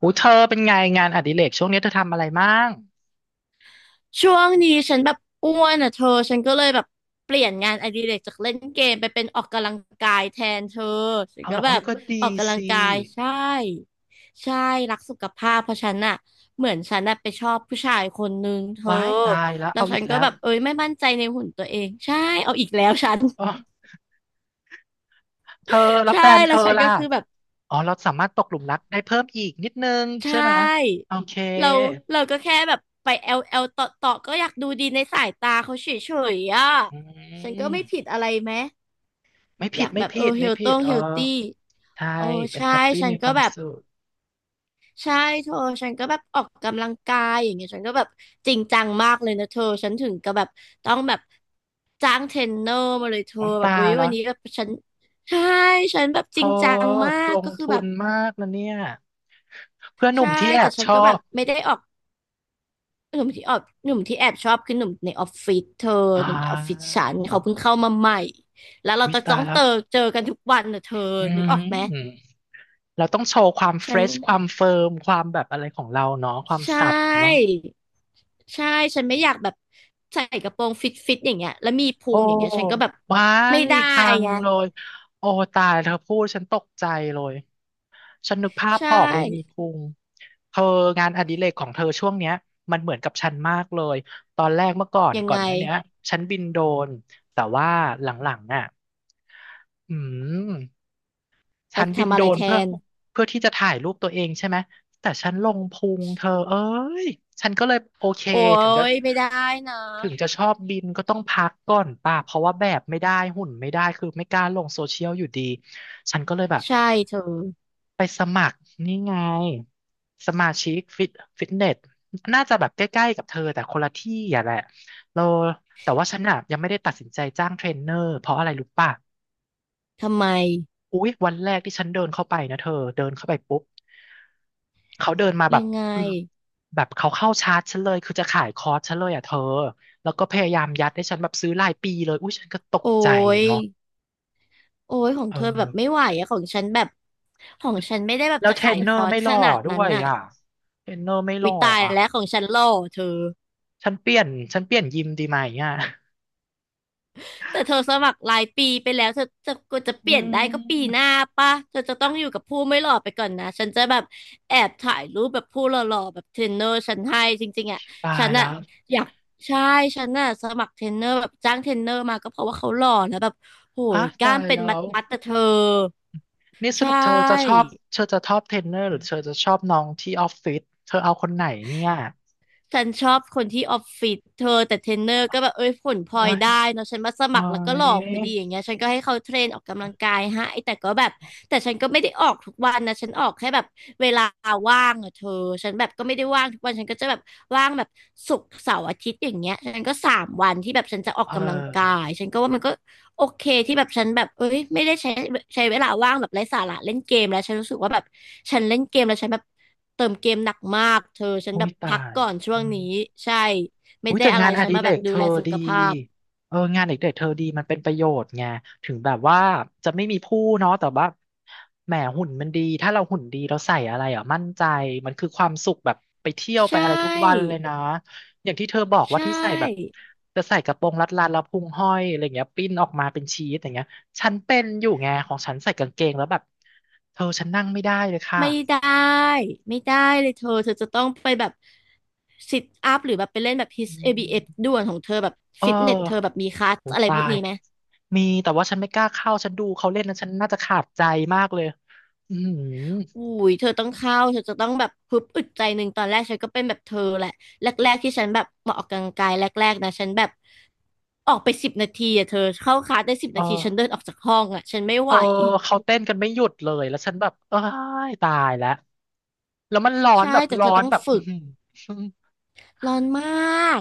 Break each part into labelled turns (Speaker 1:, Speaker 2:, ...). Speaker 1: หูเธอเป็นไงงานอดิเรกช่วงนี้เธอทำอะไรมั่ง
Speaker 2: ช่วงนี้ฉันแบบอ้วนอ่ะเธอฉันก็เลยแบบเปลี่ยนงานอดิเรกจากเล่นเกมไปเป็นออกกำลังกายแทนเธอฉัน
Speaker 1: เอาเห
Speaker 2: ก็
Speaker 1: รอ
Speaker 2: แบ
Speaker 1: โอ้ย
Speaker 2: บ
Speaker 1: ก็ดี
Speaker 2: ออกกำลัง
Speaker 1: สิ
Speaker 2: กายใช่ใช่รักสุขภาพเพราะฉันอ่ะเหมือนฉันน่ะไปชอบผู้ชายคนนึงเธอ
Speaker 1: ว้ายตายแล้ว
Speaker 2: แล้ว
Speaker 1: เอา
Speaker 2: ฉั
Speaker 1: อีก
Speaker 2: น
Speaker 1: แล้
Speaker 2: ก็
Speaker 1: ว
Speaker 2: แบบเอ้ยไม่มั่นใจในหุ่นตัวเองใช่เอาอีกแล้วฉัน
Speaker 1: อ๋อเธอแล้ว
Speaker 2: ใช่
Speaker 1: แฟนเธ
Speaker 2: แล้ว
Speaker 1: อ
Speaker 2: ฉัน
Speaker 1: ล่ะ
Speaker 2: ก็คือแบบ
Speaker 1: อ๋อเราสามารถตกหลุมรักได้เพิ่มอีกนิดนึง
Speaker 2: ใช
Speaker 1: ใช่ไหม
Speaker 2: ่
Speaker 1: โอเค
Speaker 2: เราเราก็แค่แบบไปเอลเอลต่อต่อก็อยากดูดีในสายตาเขาเฉยๆอ่ะ
Speaker 1: อื
Speaker 2: ฉันก็
Speaker 1: ม
Speaker 2: ไม่ผิดอะไรไหม
Speaker 1: ไม่
Speaker 2: อ
Speaker 1: ผิด
Speaker 2: ยากแบ
Speaker 1: ไม่
Speaker 2: บเอ
Speaker 1: ผิ
Speaker 2: อ
Speaker 1: ด
Speaker 2: เฮ
Speaker 1: ไม่
Speaker 2: ล
Speaker 1: ผิ
Speaker 2: ต้
Speaker 1: ด
Speaker 2: ง
Speaker 1: เอ
Speaker 2: เฮล
Speaker 1: อ
Speaker 2: ตี้
Speaker 1: ใช่
Speaker 2: โอ้
Speaker 1: เป็น
Speaker 2: ใช่
Speaker 1: แฮปปี้
Speaker 2: ฉัน
Speaker 1: มีค
Speaker 2: ก็
Speaker 1: วาม
Speaker 2: แบบ
Speaker 1: สุข
Speaker 2: ใช่เธอฉันก็แบบออกกำลังกายอย่างเงี้ยฉันก็แบบจริงจังมากเลยนะเธอฉันถึงก็แบบต้องแบบจ้างเทรนเนอร์มาเลยเธอ
Speaker 1: อ๋อ
Speaker 2: แบ
Speaker 1: ตา
Speaker 2: บอุ๊
Speaker 1: ย
Speaker 2: ย
Speaker 1: แล้ว
Speaker 2: วันนี้แบบฉันใช่ฉันแบบ
Speaker 1: เธ
Speaker 2: จริงจัง
Speaker 1: อ
Speaker 2: มาก
Speaker 1: ลง
Speaker 2: ก็คือ
Speaker 1: ทุ
Speaker 2: แบ
Speaker 1: น
Speaker 2: บ
Speaker 1: มากนะเนี่ยเพื่อนหนุ่
Speaker 2: ใช่
Speaker 1: มที่แอ
Speaker 2: แต่
Speaker 1: บ
Speaker 2: ฉั
Speaker 1: ช
Speaker 2: น
Speaker 1: อ
Speaker 2: ก็แบ
Speaker 1: บ
Speaker 2: บไม่ได้ออกหนุ่มที่แอบชอบคือหนุ่มในออฟฟิศเธอ
Speaker 1: อ่
Speaker 2: หนุ่มในออฟฟิศ
Speaker 1: า
Speaker 2: ฉันเขาเพิ่งเข้ามาใหม่แล้วเรา
Speaker 1: อุ้ย
Speaker 2: จะ
Speaker 1: ตา
Speaker 2: ต้อ
Speaker 1: ย
Speaker 2: ง
Speaker 1: แล้
Speaker 2: เจ
Speaker 1: ว
Speaker 2: อเจอกันทุกวันนะเธอ
Speaker 1: อื
Speaker 2: นึก
Speaker 1: ม
Speaker 2: ออกไหม
Speaker 1: เราต้องโชว์ความเฟ
Speaker 2: ฉั
Speaker 1: ร
Speaker 2: น
Speaker 1: ชความเฟิร์มความแบบอะไรของเราเนาะความ
Speaker 2: ใช่
Speaker 1: สับเนาะ
Speaker 2: ใช่ฉันไม่อยากแบบใส่กระโปรงฟิตฟิตอย่างเงี้ยแล้วมีพุ
Speaker 1: โอ้
Speaker 2: งอย่างเงี้ยฉันก็แบบ
Speaker 1: ว้า
Speaker 2: ไม่
Speaker 1: ย
Speaker 2: ได้
Speaker 1: พัง
Speaker 2: ไง
Speaker 1: เลยโอ้ตายเธอพูดฉันตกใจเลยฉันนึกภาพ
Speaker 2: ใช
Speaker 1: ออกเลยมี
Speaker 2: ่
Speaker 1: พุงเธองานอดิเรกของเธอช่วงเนี้ยมันเหมือนกับฉันมากเลยตอนแรกเมื่อก่อน
Speaker 2: ยัง
Speaker 1: ก่อ
Speaker 2: ไง
Speaker 1: นหน้าเนี้ยฉันบินโดรนแต่ว่าหลังๆอ่ะอืม
Speaker 2: ไป
Speaker 1: ฉันบิน
Speaker 2: ทำอะ
Speaker 1: โดร
Speaker 2: ไร
Speaker 1: น
Speaker 2: แท
Speaker 1: เพื่อ
Speaker 2: น
Speaker 1: เพื่อที่จะถ่ายรูปตัวเองใช่ไหมแต่ฉันลงพุงเธอเอ้ยฉันก็เลยโอเค
Speaker 2: โอ้
Speaker 1: ถึงจะ
Speaker 2: ยไม่ได้นะ
Speaker 1: ถึงจะชอบบินก็ต้องพักก่อนป่ะเพราะว่าแบบไม่ได้หุ่นไม่ได้คือไม่กล้าลงโซเชียลอยู่ดีฉันก็เลยแบบ
Speaker 2: ใช่เธอ
Speaker 1: ไปสมัครนี่ไงสมาชิกฟิตเนสน่าจะแบบใกล้ๆกับเธอแต่คนละที่อ่ะแหละเราแต่ว่าฉันอ่ะยังไม่ได้ตัดสินใจจ้างเทรนเนอร์เพราะอะไรรู้ป่ะ
Speaker 2: ทำไม
Speaker 1: อุ๊ยวันแรกที่ฉันเดินเข้าไปนะเธอเดินเข้าไปปุ๊บเขาเดินมาแบ
Speaker 2: ยั
Speaker 1: บ
Speaker 2: งไง
Speaker 1: คือแบบเขาเข้าชาร์จฉันเลยคือจะขายคอร์สฉันเลยอ่ะเธอแล้วก็พยายามยัดให้ฉันแบบซื้อรายปีเลยอุ้ยฉันก็ตก
Speaker 2: โอ้
Speaker 1: ใจ
Speaker 2: ย
Speaker 1: เนาะ
Speaker 2: โอ้ยของ
Speaker 1: เอ
Speaker 2: เธอแบบไม่
Speaker 1: อ
Speaker 2: ไหวอะของฉันแบบของฉันไม่ได้แบบ
Speaker 1: แล้ว
Speaker 2: จะ
Speaker 1: เทร
Speaker 2: ขา
Speaker 1: น
Speaker 2: ย
Speaker 1: เน
Speaker 2: ค
Speaker 1: อ
Speaker 2: อ
Speaker 1: ร์
Speaker 2: ร์ส
Speaker 1: ไม่ห
Speaker 2: ข
Speaker 1: ล่อ
Speaker 2: นาด
Speaker 1: ด้
Speaker 2: นั้
Speaker 1: ว
Speaker 2: น
Speaker 1: ย
Speaker 2: น่ะ
Speaker 1: อ่ะเทรนเนอร์ไม่ห
Speaker 2: อุ้
Speaker 1: ล่อ
Speaker 2: ยตาย
Speaker 1: อ่ะ
Speaker 2: แล้วของฉันหล่อเธอ
Speaker 1: ฉันเปลี่ยนฉันเปลี่ยนยิมดีไหมอ่ะ
Speaker 2: แต่เธอสมัครรายปีไปแล้วเธอจะกว่าจะเป
Speaker 1: อื
Speaker 2: ลี่ยนได้ก็ปีหน้า
Speaker 1: ม
Speaker 2: ป่ะเธอจะต้องอยู่กับผู้ไม่หล่อไปก่อนนะฉันจะแบบแอบถ่ายรูปแบบผู้หล่อๆแบบเทรนเนอร์ฉันให้จริงๆอ่ะ
Speaker 1: ตา
Speaker 2: ฉั
Speaker 1: ย
Speaker 2: น
Speaker 1: แล้
Speaker 2: อ่ะ
Speaker 1: ว
Speaker 2: อยากใช่ฉันอ่ะสมัครเทรนเนอร์แบบจ้างเทรนเนอร์มาก็เพราะว่าเขาหล่อแล้วแบบโห
Speaker 1: อ่ะ
Speaker 2: ยก
Speaker 1: ตา
Speaker 2: ล้าม
Speaker 1: ย
Speaker 2: เป็น
Speaker 1: แล้ว
Speaker 2: มัดๆแต่เธอ
Speaker 1: นี่ส
Speaker 2: ใช
Speaker 1: รุปเธอจะชอ
Speaker 2: ่
Speaker 1: บเธอจะชอบเทรนเนอร์หรือเธอจะชอบน้องที่ออฟฟิศเธอเอาคนไหนเนี่ย
Speaker 2: ฉันชอบคนที่ออฟฟิศเธอแต่เทรนเนอร์ก็แบบเอ้ยผลพลอ
Speaker 1: เอ้
Speaker 2: ย
Speaker 1: ย
Speaker 2: ได้เนาะฉันมาส
Speaker 1: อ๋อ
Speaker 2: มัครแล้วก็หล
Speaker 1: ย
Speaker 2: อกพอดีอย่างเงี้ยฉันก็ให้เขาเทรนออกกำลังกายให้แต่ก็แบบแต่ฉันก็ไม่ได้ออกทุกวันนะฉันออกแค่แบบเวลาว่างอะเธอฉันแบบก็ไม่ได้ว่างทุกวันฉันก็จะแบบว่างแบบศุกร์เสาร์อาทิตย์อย่างเงี้ยฉันก็สามวันที่แบบฉันจะออ
Speaker 1: เ
Speaker 2: กกำลังกา
Speaker 1: ออ
Speaker 2: ยฉันก็ว่ามันก็ โอเคที่แบบฉันแบบเอ้ยไม่ได้ใช้เวลาว่างแบบไร้สาระเล่นเกมแล้วฉันรู้สึกว่าแบบฉันเล่นเกมแล้วฉันแบบเติมเกมหนักมากเธอฉัน
Speaker 1: อุ้
Speaker 2: แบ
Speaker 1: ย
Speaker 2: บ
Speaker 1: ตา
Speaker 2: พัก
Speaker 1: ย
Speaker 2: ก่อนช่
Speaker 1: อื
Speaker 2: วง
Speaker 1: ม
Speaker 2: นี้ใช่ไม่
Speaker 1: อุ้ย
Speaker 2: ได้
Speaker 1: แต่
Speaker 2: อะไร
Speaker 1: งานอ
Speaker 2: ฉัน
Speaker 1: ดิ
Speaker 2: มา
Speaker 1: เร
Speaker 2: แบบ
Speaker 1: กเธ
Speaker 2: ดู
Speaker 1: อ
Speaker 2: แลสุ
Speaker 1: ดี
Speaker 2: ขภาพ
Speaker 1: เอองานอดิเรกเธอดีมันเป็นประโยชน์ไงถึงแบบว่าจะไม่มีผู้เนาะแต่ว่าแหมหุ่นมันดีถ้าเราหุ่นดีเราใส่อะไรอ่ะมั่นใจมันคือความสุขแบบไปเที่ยว
Speaker 2: ใช
Speaker 1: ไปอะไรทุกวัน
Speaker 2: ่
Speaker 1: เลยนะอย่างที่เธอบอก
Speaker 2: ใช
Speaker 1: ว่าที่ใส่แบบ
Speaker 2: ่
Speaker 1: จะใส่กระโปรงรัดๆแล้วพุงห้อยอะไรเงี้ยปิ้นออกมาเป็นชีสอย่างเงี้ยฉันเป็นอยู่ไงของฉันใส่กางเกงแล้วแบบเธอฉันนั่งไม่ได้เลยค่ะ
Speaker 2: ไม่ได้ไม่ได้เลยเธอจะต้องไปแบบซิทอัพหรือแบบไปเล่นแบบ HIIT
Speaker 1: อื
Speaker 2: เ b
Speaker 1: ม
Speaker 2: ฟด่วนของเธอแบบ
Speaker 1: เอ
Speaker 2: ฟิตเนสเธอแบ
Speaker 1: อ
Speaker 2: บมีคลาส
Speaker 1: โอ
Speaker 2: อะไร
Speaker 1: ตา
Speaker 2: พวก
Speaker 1: ย
Speaker 2: นี้ไหม
Speaker 1: มีแต่ว่าฉันไม่กล้าเข้าฉันดูเขาเล่นแล้วฉันน่าจะขาดใจมากเลยอืม
Speaker 2: อุ้ยเธอต้องเข้าเธอจะต้องแบบพึบอึดใจหนึ่งตอนแรกฉันก็เป็นแบบเธอแหละแรกๆที่ฉันแบบมาออกกำลังกายแรกๆนะฉันแบบออกไปสิบนาทีอะเธอเข้าคลาสได้สิบ
Speaker 1: เออ
Speaker 2: นาทีฉันเดินออกจากห้องอะฉันไม่
Speaker 1: เธ
Speaker 2: ไหว
Speaker 1: อเขาเต้นกันไม่หยุดเลยแล้วฉันแบบเอ้ยตายแล้วแล้วมันร้อน
Speaker 2: ใช่
Speaker 1: แบบ
Speaker 2: แต่
Speaker 1: ร้
Speaker 2: เธ
Speaker 1: อ
Speaker 2: อต้
Speaker 1: น
Speaker 2: อง
Speaker 1: แบบ
Speaker 2: ฝึ
Speaker 1: อื
Speaker 2: ก
Speaker 1: ม
Speaker 2: ร้อนมาก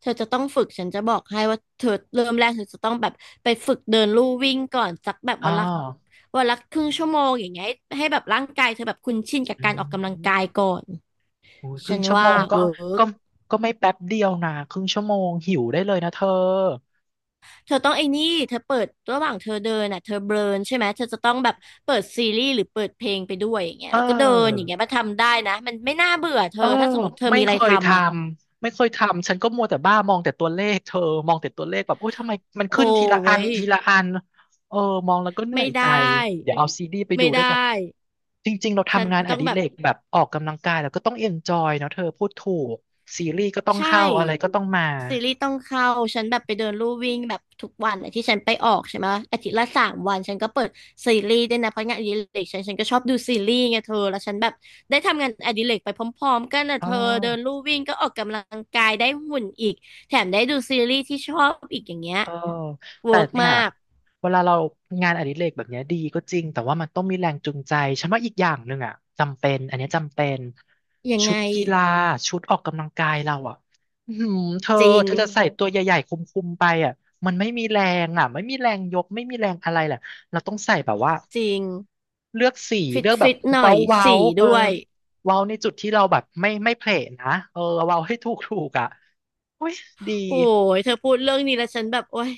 Speaker 2: เธอจะต้องฝึกฉันจะบอกให้ว่าเธอเริ่มแรกเธอจะต้องแบบไปฝึกเดินลู่วิ่งก่อนสักแบบ
Speaker 1: ออ้า
Speaker 2: วันละ
Speaker 1: ว
Speaker 2: วันละครึ่งชั่วโมงอย่างเงี้ยให้ให้แบบร่างกายเธอแบบคุ้นชินกับ
Speaker 1: อื
Speaker 2: การออกกำลังกาย
Speaker 1: ม
Speaker 2: ก่อน
Speaker 1: โอ้ยค
Speaker 2: ฉั
Speaker 1: รึ่ง
Speaker 2: น
Speaker 1: ชั่วโม
Speaker 2: ว่า
Speaker 1: ง
Speaker 2: เวิร์
Speaker 1: ก็
Speaker 2: ก
Speaker 1: ก็ไม่แป๊บเดียวนะครึ่งชั่วโมงหิวได้เลยนะเธอ
Speaker 2: เธอต้องไอ้นี่เธอเปิดระหว่างเธอเดินน่ะเธอเบิร์นใช่ไหม เธอจะต้องแบบเปิดซีรีส์หรือเปิดเพลงไปด้วยอย่างเงี้ย
Speaker 1: เอ
Speaker 2: แล้วก็เดินอย่างเงี้ย
Speaker 1: อ
Speaker 2: มาทำได้นะมันไม่น่าเบื่อเธ
Speaker 1: เอ
Speaker 2: อ
Speaker 1: อ
Speaker 2: ถ้าสมมติเธอ
Speaker 1: ไม่
Speaker 2: มีอะ
Speaker 1: เค
Speaker 2: ไร
Speaker 1: ยท
Speaker 2: ทำอ่ะ
Speaker 1: ไม่เคยทำฉันก็มัวแต่บ้ามองแต่ตัวเลขเธอมองแต่ตัวเลขแบบโอ้ยทำไมมัน
Speaker 2: โอ้
Speaker 1: ขึ้นทีละอัน
Speaker 2: ย
Speaker 1: ทีละอันเออมองแล้วก็เหนื่อ
Speaker 2: ไม่
Speaker 1: ยใจ
Speaker 2: ได้
Speaker 1: เดี๋ยวเอาซีดีไปดู
Speaker 2: ไม่
Speaker 1: ด้
Speaker 2: ได
Speaker 1: วยก่อน
Speaker 2: ้
Speaker 1: จริงๆเรา
Speaker 2: ฉัน
Speaker 1: ทำงานอ
Speaker 2: ต้อง
Speaker 1: ดิ
Speaker 2: แบ
Speaker 1: เร
Speaker 2: บ
Speaker 1: กแบบออกกำลังกายแล้วก็ต้องเอนจอยเนาะเธอพูดถูกซีรีส์ก็ต้อง
Speaker 2: ใช่
Speaker 1: เข้าอะไรก็ต้องมา
Speaker 2: ซีรีส์ต้องเข้าฉันแบบไปเดินลู่วิ่งแบบทุกวันอะที่ฉันไปออกใช่ไหมอาทิตย์ละสามวันฉันก็เปิดซีรีส์ด้วยนะเพราะงานอดิเรกฉันฉันก็ชอบดูซีรีส์ไงเธอแล้วฉันแบบได้ทำงานอดิเรกไปพร้อมๆกันนะ
Speaker 1: อ๋อ
Speaker 2: เธอเดินลู่วิ่งก็ออกกำลังกายได้หุ่นอีกแถมได้ดูซีรีส์ที่ชอบอีกอย่างเงี้ย
Speaker 1: เออแต่
Speaker 2: เวิร์ก
Speaker 1: เนี่ย
Speaker 2: มาก
Speaker 1: เวลาเรางานอดิเรกแบบเนี้ยดีก็จริงแต่ว่ามันต้องมีแรงจูงใจฉันว่าอีกอย่างหนึ่งอ่ะจำเป็นอันเนี้ยจำเป็น
Speaker 2: ยัง
Speaker 1: ชุ
Speaker 2: ไง
Speaker 1: ดกีฬาชุดออกกำลังกายเราอ่ะอืมเธอ
Speaker 2: จริง
Speaker 1: เธอจะใส่ตัวใหญ่ๆคุมๆไปอ่ะมันไม่มีแรงอ่ะไม่มีแรงยกไม่มีแรงอะไรแหละเราต้องใส่แบบว่า
Speaker 2: จริง
Speaker 1: เลือกสี
Speaker 2: ฟิ
Speaker 1: เลื
Speaker 2: ต
Speaker 1: อกแบ
Speaker 2: ฟิ
Speaker 1: บ
Speaker 2: ตหน่อ
Speaker 1: เว้า
Speaker 2: ย
Speaker 1: เว้า
Speaker 2: สี
Speaker 1: เออ
Speaker 2: ด้วย
Speaker 1: เว้าในจุดที่เราแบบไม่ไม่เพลทนะเออเว้าให้ถูกถูกอ่ะอุ้ยดี
Speaker 2: โอ้ยเธอพูดเรื่องนี้แล้วฉันแบบโอ้ย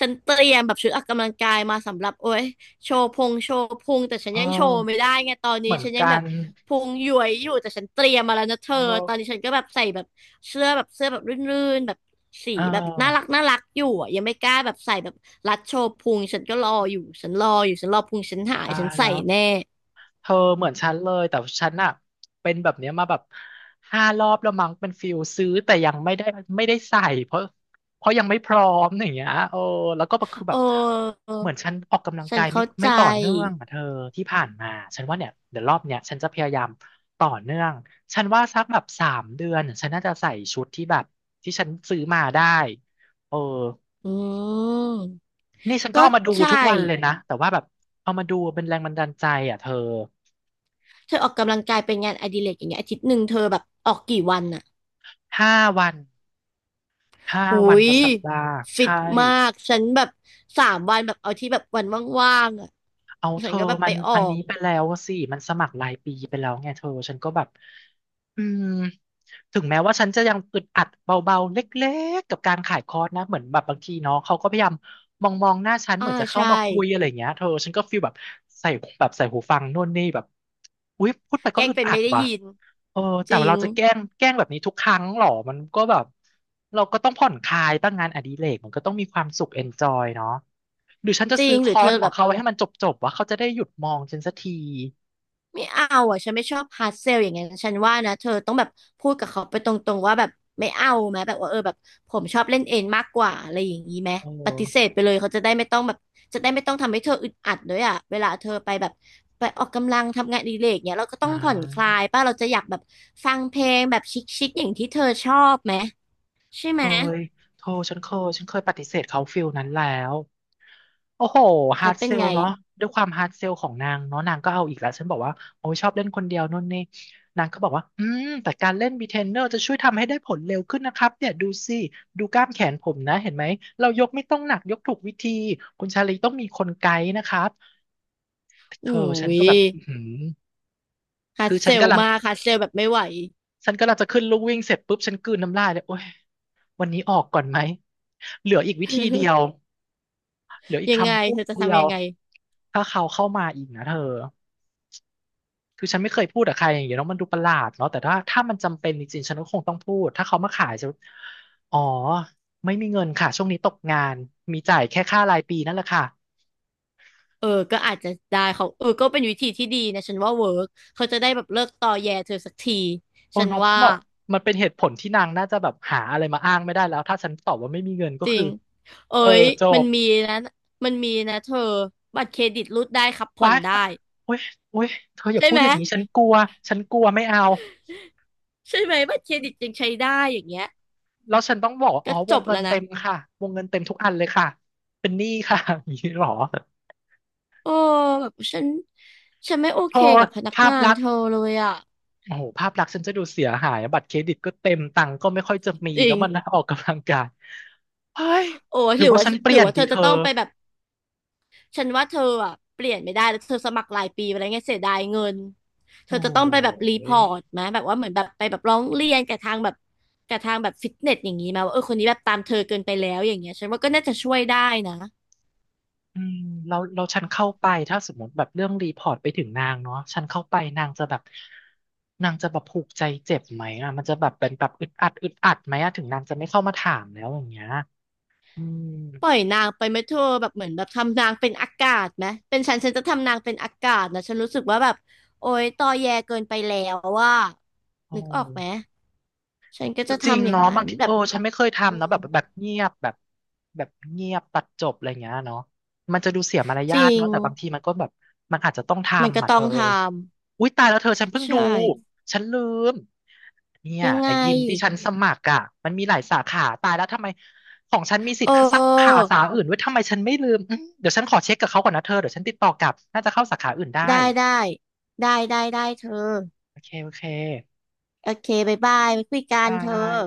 Speaker 2: ฉันเตรียมแบบชุดออกกำลังกายมาสำหรับโอ้ยโชว์พุงโชว์พุงแต่ฉั
Speaker 1: เ
Speaker 2: นยังโชว์ไม่
Speaker 1: ออ
Speaker 2: ได้ไงตอน
Speaker 1: เห
Speaker 2: นี้
Speaker 1: มือน
Speaker 2: ฉันยั
Speaker 1: กั
Speaker 2: งแบบ
Speaker 1: น
Speaker 2: พุงหย้วยอยู่แต่ฉันเตรียมมาแล้วนะเธ
Speaker 1: เอ
Speaker 2: อ
Speaker 1: อ
Speaker 2: ตอนนี้ฉันก็แบบใส่แบบเสื้อแบบรื่นๆแบบสี
Speaker 1: อ่
Speaker 2: แบบน่ารัก
Speaker 1: า
Speaker 2: น่ารักอยู่อะยังไม่กล้าแบบใส่แบบรัดโชว์พุงฉันก็รออยู่ฉันรออยู่ฉันรอพุงฉันหาย
Speaker 1: ตา
Speaker 2: ฉัน
Speaker 1: ย
Speaker 2: ใส่
Speaker 1: แล้ว
Speaker 2: แน่
Speaker 1: เธอเหมือนฉันเลย แต่ฉันอะเป็นแบบเนี้ยมาแบบ5 รอบแล้วมั้งเป็นฟิลซื้อแต่ยังไม่ได้ไม่ได้ใส่เพราะเพราะยังไม่พร้อมอย่างเงี้ยโอ้แล้วก็แบบคือแบบ
Speaker 2: เออ
Speaker 1: เหมือนฉันออกกำลัง
Speaker 2: ฉัน
Speaker 1: กายไม่
Speaker 2: เข้า
Speaker 1: ไม่
Speaker 2: ใจ
Speaker 1: ต่อเนื่องอะเธอที่ผ่านมาฉันว่าเนี่ยเดี๋ยวรอบเนี้ยฉันจะพยายามต่อเนื่อง ฉันว่าสักแบบ3 เดือนฉันน่าจะใส่ชุดที่แบบที่ฉันซื้อมาได้เออ
Speaker 2: อืม
Speaker 1: นี่ฉันก็
Speaker 2: ก็
Speaker 1: เอามาดู
Speaker 2: ใช่
Speaker 1: ทุกวันเลยนะแต่ว่าแบบเอามาดูเป็นแรงบันดาลใจอ่ะเธอ
Speaker 2: เธอออกกำลังกายเป็นงานอดิเรกอย่างเงี้ยอาทิตย์หนึ่งเธอแบบออกกี่วันอะ
Speaker 1: ห้าวันห้า
Speaker 2: หุ
Speaker 1: วัน
Speaker 2: ย
Speaker 1: ต่อสัปดาห์
Speaker 2: ฟิต
Speaker 1: ใช่
Speaker 2: มากฉันแบบสามวันแบบเอาที่แบบวันว่างๆอะ
Speaker 1: เอาเธ
Speaker 2: ฉัน
Speaker 1: อ
Speaker 2: ก็แบบ
Speaker 1: มั
Speaker 2: ไป
Speaker 1: น
Speaker 2: ออ
Speaker 1: อันนี้
Speaker 2: ก
Speaker 1: ไปแล้วสิมันสมัครรายปีไปแล้วไงเธอฉันก็แบบอืมถึงแม้ว่าฉันจะยังอึดอัดเบาๆเล็กๆกับการขายคอร์สนะเหมือนแบบบางทีเนาะเขาก็พยายามมองหน้าฉันเห
Speaker 2: อ่า
Speaker 1: มือนจะเข้า
Speaker 2: ใช่
Speaker 1: มาคุยอะไรอย่างเงี้ยเธอฉันก็ฟีลแบบใส่แบบใส่หูฟังโนู่นนี่แบบอุ๊ยพูดไป
Speaker 2: แก
Speaker 1: ก็
Speaker 2: ล้ง
Speaker 1: อึด
Speaker 2: เป็น
Speaker 1: อั
Speaker 2: ไม่
Speaker 1: ด
Speaker 2: ได้
Speaker 1: ว่ะ
Speaker 2: ยิน
Speaker 1: เออ
Speaker 2: จ
Speaker 1: แต่
Speaker 2: ริ
Speaker 1: ว่า
Speaker 2: ง
Speaker 1: เราจะแกล้งแบบนี้ทุกครั้งหรอมันก็แบบเราก็ต้องผ่อนคลายตั้งงานอดิเรกมันก็ต้องมีความสุขเอนจอยเนาะหรือฉันจะ
Speaker 2: จริ
Speaker 1: ซื้อ
Speaker 2: ง
Speaker 1: ค
Speaker 2: หรือ
Speaker 1: อ
Speaker 2: เธ
Speaker 1: ร์ส
Speaker 2: อ
Speaker 1: ข
Speaker 2: แบ
Speaker 1: อง
Speaker 2: บ
Speaker 1: เขาไว้ให้มันจบๆว่าเขาจะได้หยุดมองฉันสักที
Speaker 2: ไม่เอาอ่ะฉันไม่ชอบฮาร์ดเซลอย่างเงี้ยฉันว่านะเธอต้องแบบพูดกับเขาไปตรงๆว่าแบบไม่เอาไหมแบบว่าเออแบบผมชอบเล่นเองมากกว่าอะไรอย่างนี้ไหม
Speaker 1: เอ
Speaker 2: ปฏิเส
Speaker 1: อ
Speaker 2: ธไปเลยเขาจะได้ไม่ต้องแบบจะได้ไม่ต้องทำให้เธออึดอัดด้วยอ่ะเวลาเธอไปแบบไปออกกำลังทำงานอดิเรกเนี้ยเราก็ต้
Speaker 1: อ่
Speaker 2: องผ่อนคลา
Speaker 1: า
Speaker 2: ยป่ะเราจะอยากแบบฟังเพลงแบบชิคๆอย่างที่เธอชอบไหมใช่
Speaker 1: เค
Speaker 2: ไหม
Speaker 1: ยโทรฉันเคยปฏิเสธเขาฟิลนั้นแล้วโอ้โหฮา
Speaker 2: แล้
Speaker 1: ร์
Speaker 2: ว
Speaker 1: ด
Speaker 2: เป็
Speaker 1: เซ
Speaker 2: น
Speaker 1: ล
Speaker 2: ไง
Speaker 1: เนาะด้วยความฮาร์ดเซลของนางเนาะนางก็เอาอีกแล้วฉันบอกว่าโอ้ยชอบเล่นคนเดียวนู่นนี่นางก็บอกว่าอืมแต่การเล่นบีเทนเนอร์จะช่วยทำให้ได้ผลเร็วขึ้นนะครับเนี่ยดูสิดูกล้ามแขนผมนะเห็นไหมเรายกไม่ต้องหนักยกถูกวิธีคุณชาลีต้องมีคนไกด์นะครับเธ
Speaker 2: อุ้
Speaker 1: อฉัน
Speaker 2: ย
Speaker 1: ก็แบบอือหือ
Speaker 2: ฮาร์
Speaker 1: คื
Speaker 2: ด
Speaker 1: อ
Speaker 2: เซลมากฮาร์ดเซลแบบไม่ไหว
Speaker 1: ฉันกำลังจะขึ้นลูกวิ่งเสร็จปุ๊บฉันกลืนน้ำลายเลยโอ้ยวันนี้ออกก่อนไหมเหลืออีกวิธีเดียว เหลืออีก
Speaker 2: ยังไง
Speaker 1: คำพู
Speaker 2: เธ
Speaker 1: ด
Speaker 2: อจะ
Speaker 1: เดีย
Speaker 2: ทำยั
Speaker 1: ว
Speaker 2: งไง
Speaker 1: ถ้าเขาเข้ามาอีกนะเธอคือฉันไม่เคยพูดกับใครอย่างเงี้ยเนาะมันดูประหลาดเนาะแต่ถ้ามันจำเป็นจริงๆฉันก็คงต้องพูดถ้าเขามาขายจะอ๋อไม่มีเงินค่ะช่วงนี้ตกงานมีจ่ายแค่ค่ารายปีนั่นแหละค่ะ
Speaker 2: เออก็อาจจะได้เขาเออก็เป็นวิธีที่ดีนะฉันว่าเวิร์กเขาจะได้แบบเลิกตอแยเธอสักที
Speaker 1: โอ้
Speaker 2: ฉัน
Speaker 1: เน้องเพ
Speaker 2: ว่า
Speaker 1: ราะแบบมันเป็นเหตุผลที่นางน่าจะแบบหาอะไรมาอ้างไม่ได้แล้วถ้าฉันตอบว่าไม่มีเงินก็
Speaker 2: จริ
Speaker 1: คือ
Speaker 2: งเอ้
Speaker 1: เออ
Speaker 2: ย
Speaker 1: จ
Speaker 2: มัน
Speaker 1: บ
Speaker 2: มีนะมันมีนะเธอบัตรเครดิตรูดได้ครับผ่อ
Speaker 1: ว้า
Speaker 2: น
Speaker 1: ย
Speaker 2: ได้
Speaker 1: โอ๊ยโอ๊ยเธออย่า
Speaker 2: ใช่
Speaker 1: พูด
Speaker 2: ไหม
Speaker 1: อย่างนี้ฉันกลัวฉันกลัวไม่เอา
Speaker 2: ใช่ไหมบัตรเครดิตยังใช้ได้อย่างเงี้ย
Speaker 1: แล้วฉันต้องบอกว่าอ๋
Speaker 2: ก็
Speaker 1: อว
Speaker 2: จ
Speaker 1: ง
Speaker 2: บ
Speaker 1: เงิ
Speaker 2: แล้
Speaker 1: น
Speaker 2: วนะ
Speaker 1: เต็มค่ะวงเงินเต็มทุกอันเลยค่ะเป็นหนี้ค่ะ อย่างนี้หรอ
Speaker 2: โอ้แบบฉันฉันไม่โอ
Speaker 1: โท
Speaker 2: เคกั
Speaker 1: ษ
Speaker 2: บพนัก
Speaker 1: ภาพ
Speaker 2: งาน
Speaker 1: ลัก
Speaker 2: เธ
Speaker 1: ษณ์
Speaker 2: อเลยอ่ะ
Speaker 1: โอ้โหภาพลักษณ์ฉันจะดูเสียหายบัตรเครดิตก็เต็มตังค์ก็ไม่ค่อยจะมี
Speaker 2: จริ
Speaker 1: แล้ว
Speaker 2: ง
Speaker 1: มันออกกำลังกายเฮ้ย
Speaker 2: โอ้ย
Speaker 1: หรือว่าฉันเป
Speaker 2: ห
Speaker 1: ลี่
Speaker 2: รือ
Speaker 1: ยน
Speaker 2: ว่าเธ
Speaker 1: ดี
Speaker 2: อ
Speaker 1: เธ
Speaker 2: จะ
Speaker 1: อ
Speaker 2: ต้องไปแบบ ฉันว่าเธออ่ะเปลี่ยนไม่ได้แล้วเธอสมัครรายปีไปแล้วไงเสียดายเงินเธอ
Speaker 1: โอ้
Speaker 2: จะต้องไปแบบรีพอร์ต
Speaker 1: ย
Speaker 2: ไหมแบบว่าเหมือนแบบไปแบบร้องเรียนกับทางแบบกับทางแบบฟิตเนสอย่างนี้ไหมาว่าเออคนนี้แบบตามเธอเกินไปแล้วอย่างเงี้ยฉันว่าก็น่าจะช่วยได้นะ
Speaker 1: อืมเราเราฉันเข้าไปถ้าสมมติแบบเรื่องรีพอร์ตไปถึงนางเนาะฉันเข้าไปนางจะแบบผูกใจเจ็บไหมอ่ะมันจะแบบเป็นแบบอึดอัดไหมอ่ะถึงนางจะไม่เข้ามาถามแล้วอย่างเงี้ยอืม
Speaker 2: ปล่อยนางไปไหมเธอแบบเหมือนแบบทำนางเป็นอากาศไหมเป็นฉันจะทำนางเป็นอากาศนะฉันรู้สึกว่าแบบโอ๊ยตอแยเกินไปแล้วว่า
Speaker 1: โอ้
Speaker 2: นึกออกไหมฉันก็
Speaker 1: ก็
Speaker 2: จะ
Speaker 1: จริง
Speaker 2: ทำอย่าง
Speaker 1: เนาะ
Speaker 2: นั้
Speaker 1: บา
Speaker 2: น
Speaker 1: งที
Speaker 2: แบ
Speaker 1: โอ้
Speaker 2: บ
Speaker 1: ฉันไม่เคย
Speaker 2: อื
Speaker 1: ทำเนาะ
Speaker 2: ม
Speaker 1: แบบแบบเงียบแบบเงียบตัดจบอะไรอย่างเงี้ยเนาะมันจะดูเสียมาร
Speaker 2: จ
Speaker 1: ยา
Speaker 2: ริ
Speaker 1: ท
Speaker 2: ง
Speaker 1: เนาะแต่บางทีมันก็แบบมันอาจจะต้อง
Speaker 2: มัน
Speaker 1: ทำ
Speaker 2: ก็
Speaker 1: อ่ะ
Speaker 2: ต้
Speaker 1: เธ
Speaker 2: อ
Speaker 1: อ
Speaker 2: งท
Speaker 1: อุ๊ยตายแล้วเธอฉันเพิ่
Speaker 2: ำ
Speaker 1: งดู
Speaker 2: ใช่
Speaker 1: ฉันลืมเนี่ย
Speaker 2: ยังไง
Speaker 1: ไอ้ยิมที่ฉันสมัครอ่ะมันมีหลายสาขาตายแล้วทำไมของฉันมีสิ
Speaker 2: เ
Speaker 1: ทธิ์สาขา
Speaker 2: ออ
Speaker 1: สาขาอื่นด้วยทำไมฉันไม่ลืมอืมเดี๋ยวฉันขอเช็คกับเขาก่อนนะเธอเดี๋ยวฉันติดต่อกลับน่าจะเข้าสาขาอื่นได้
Speaker 2: ได้ได้ได้ได้ได้เธอ
Speaker 1: โอเคโอเค
Speaker 2: โอเคบายบายไปคุยกัน
Speaker 1: บา
Speaker 2: เธอ
Speaker 1: ย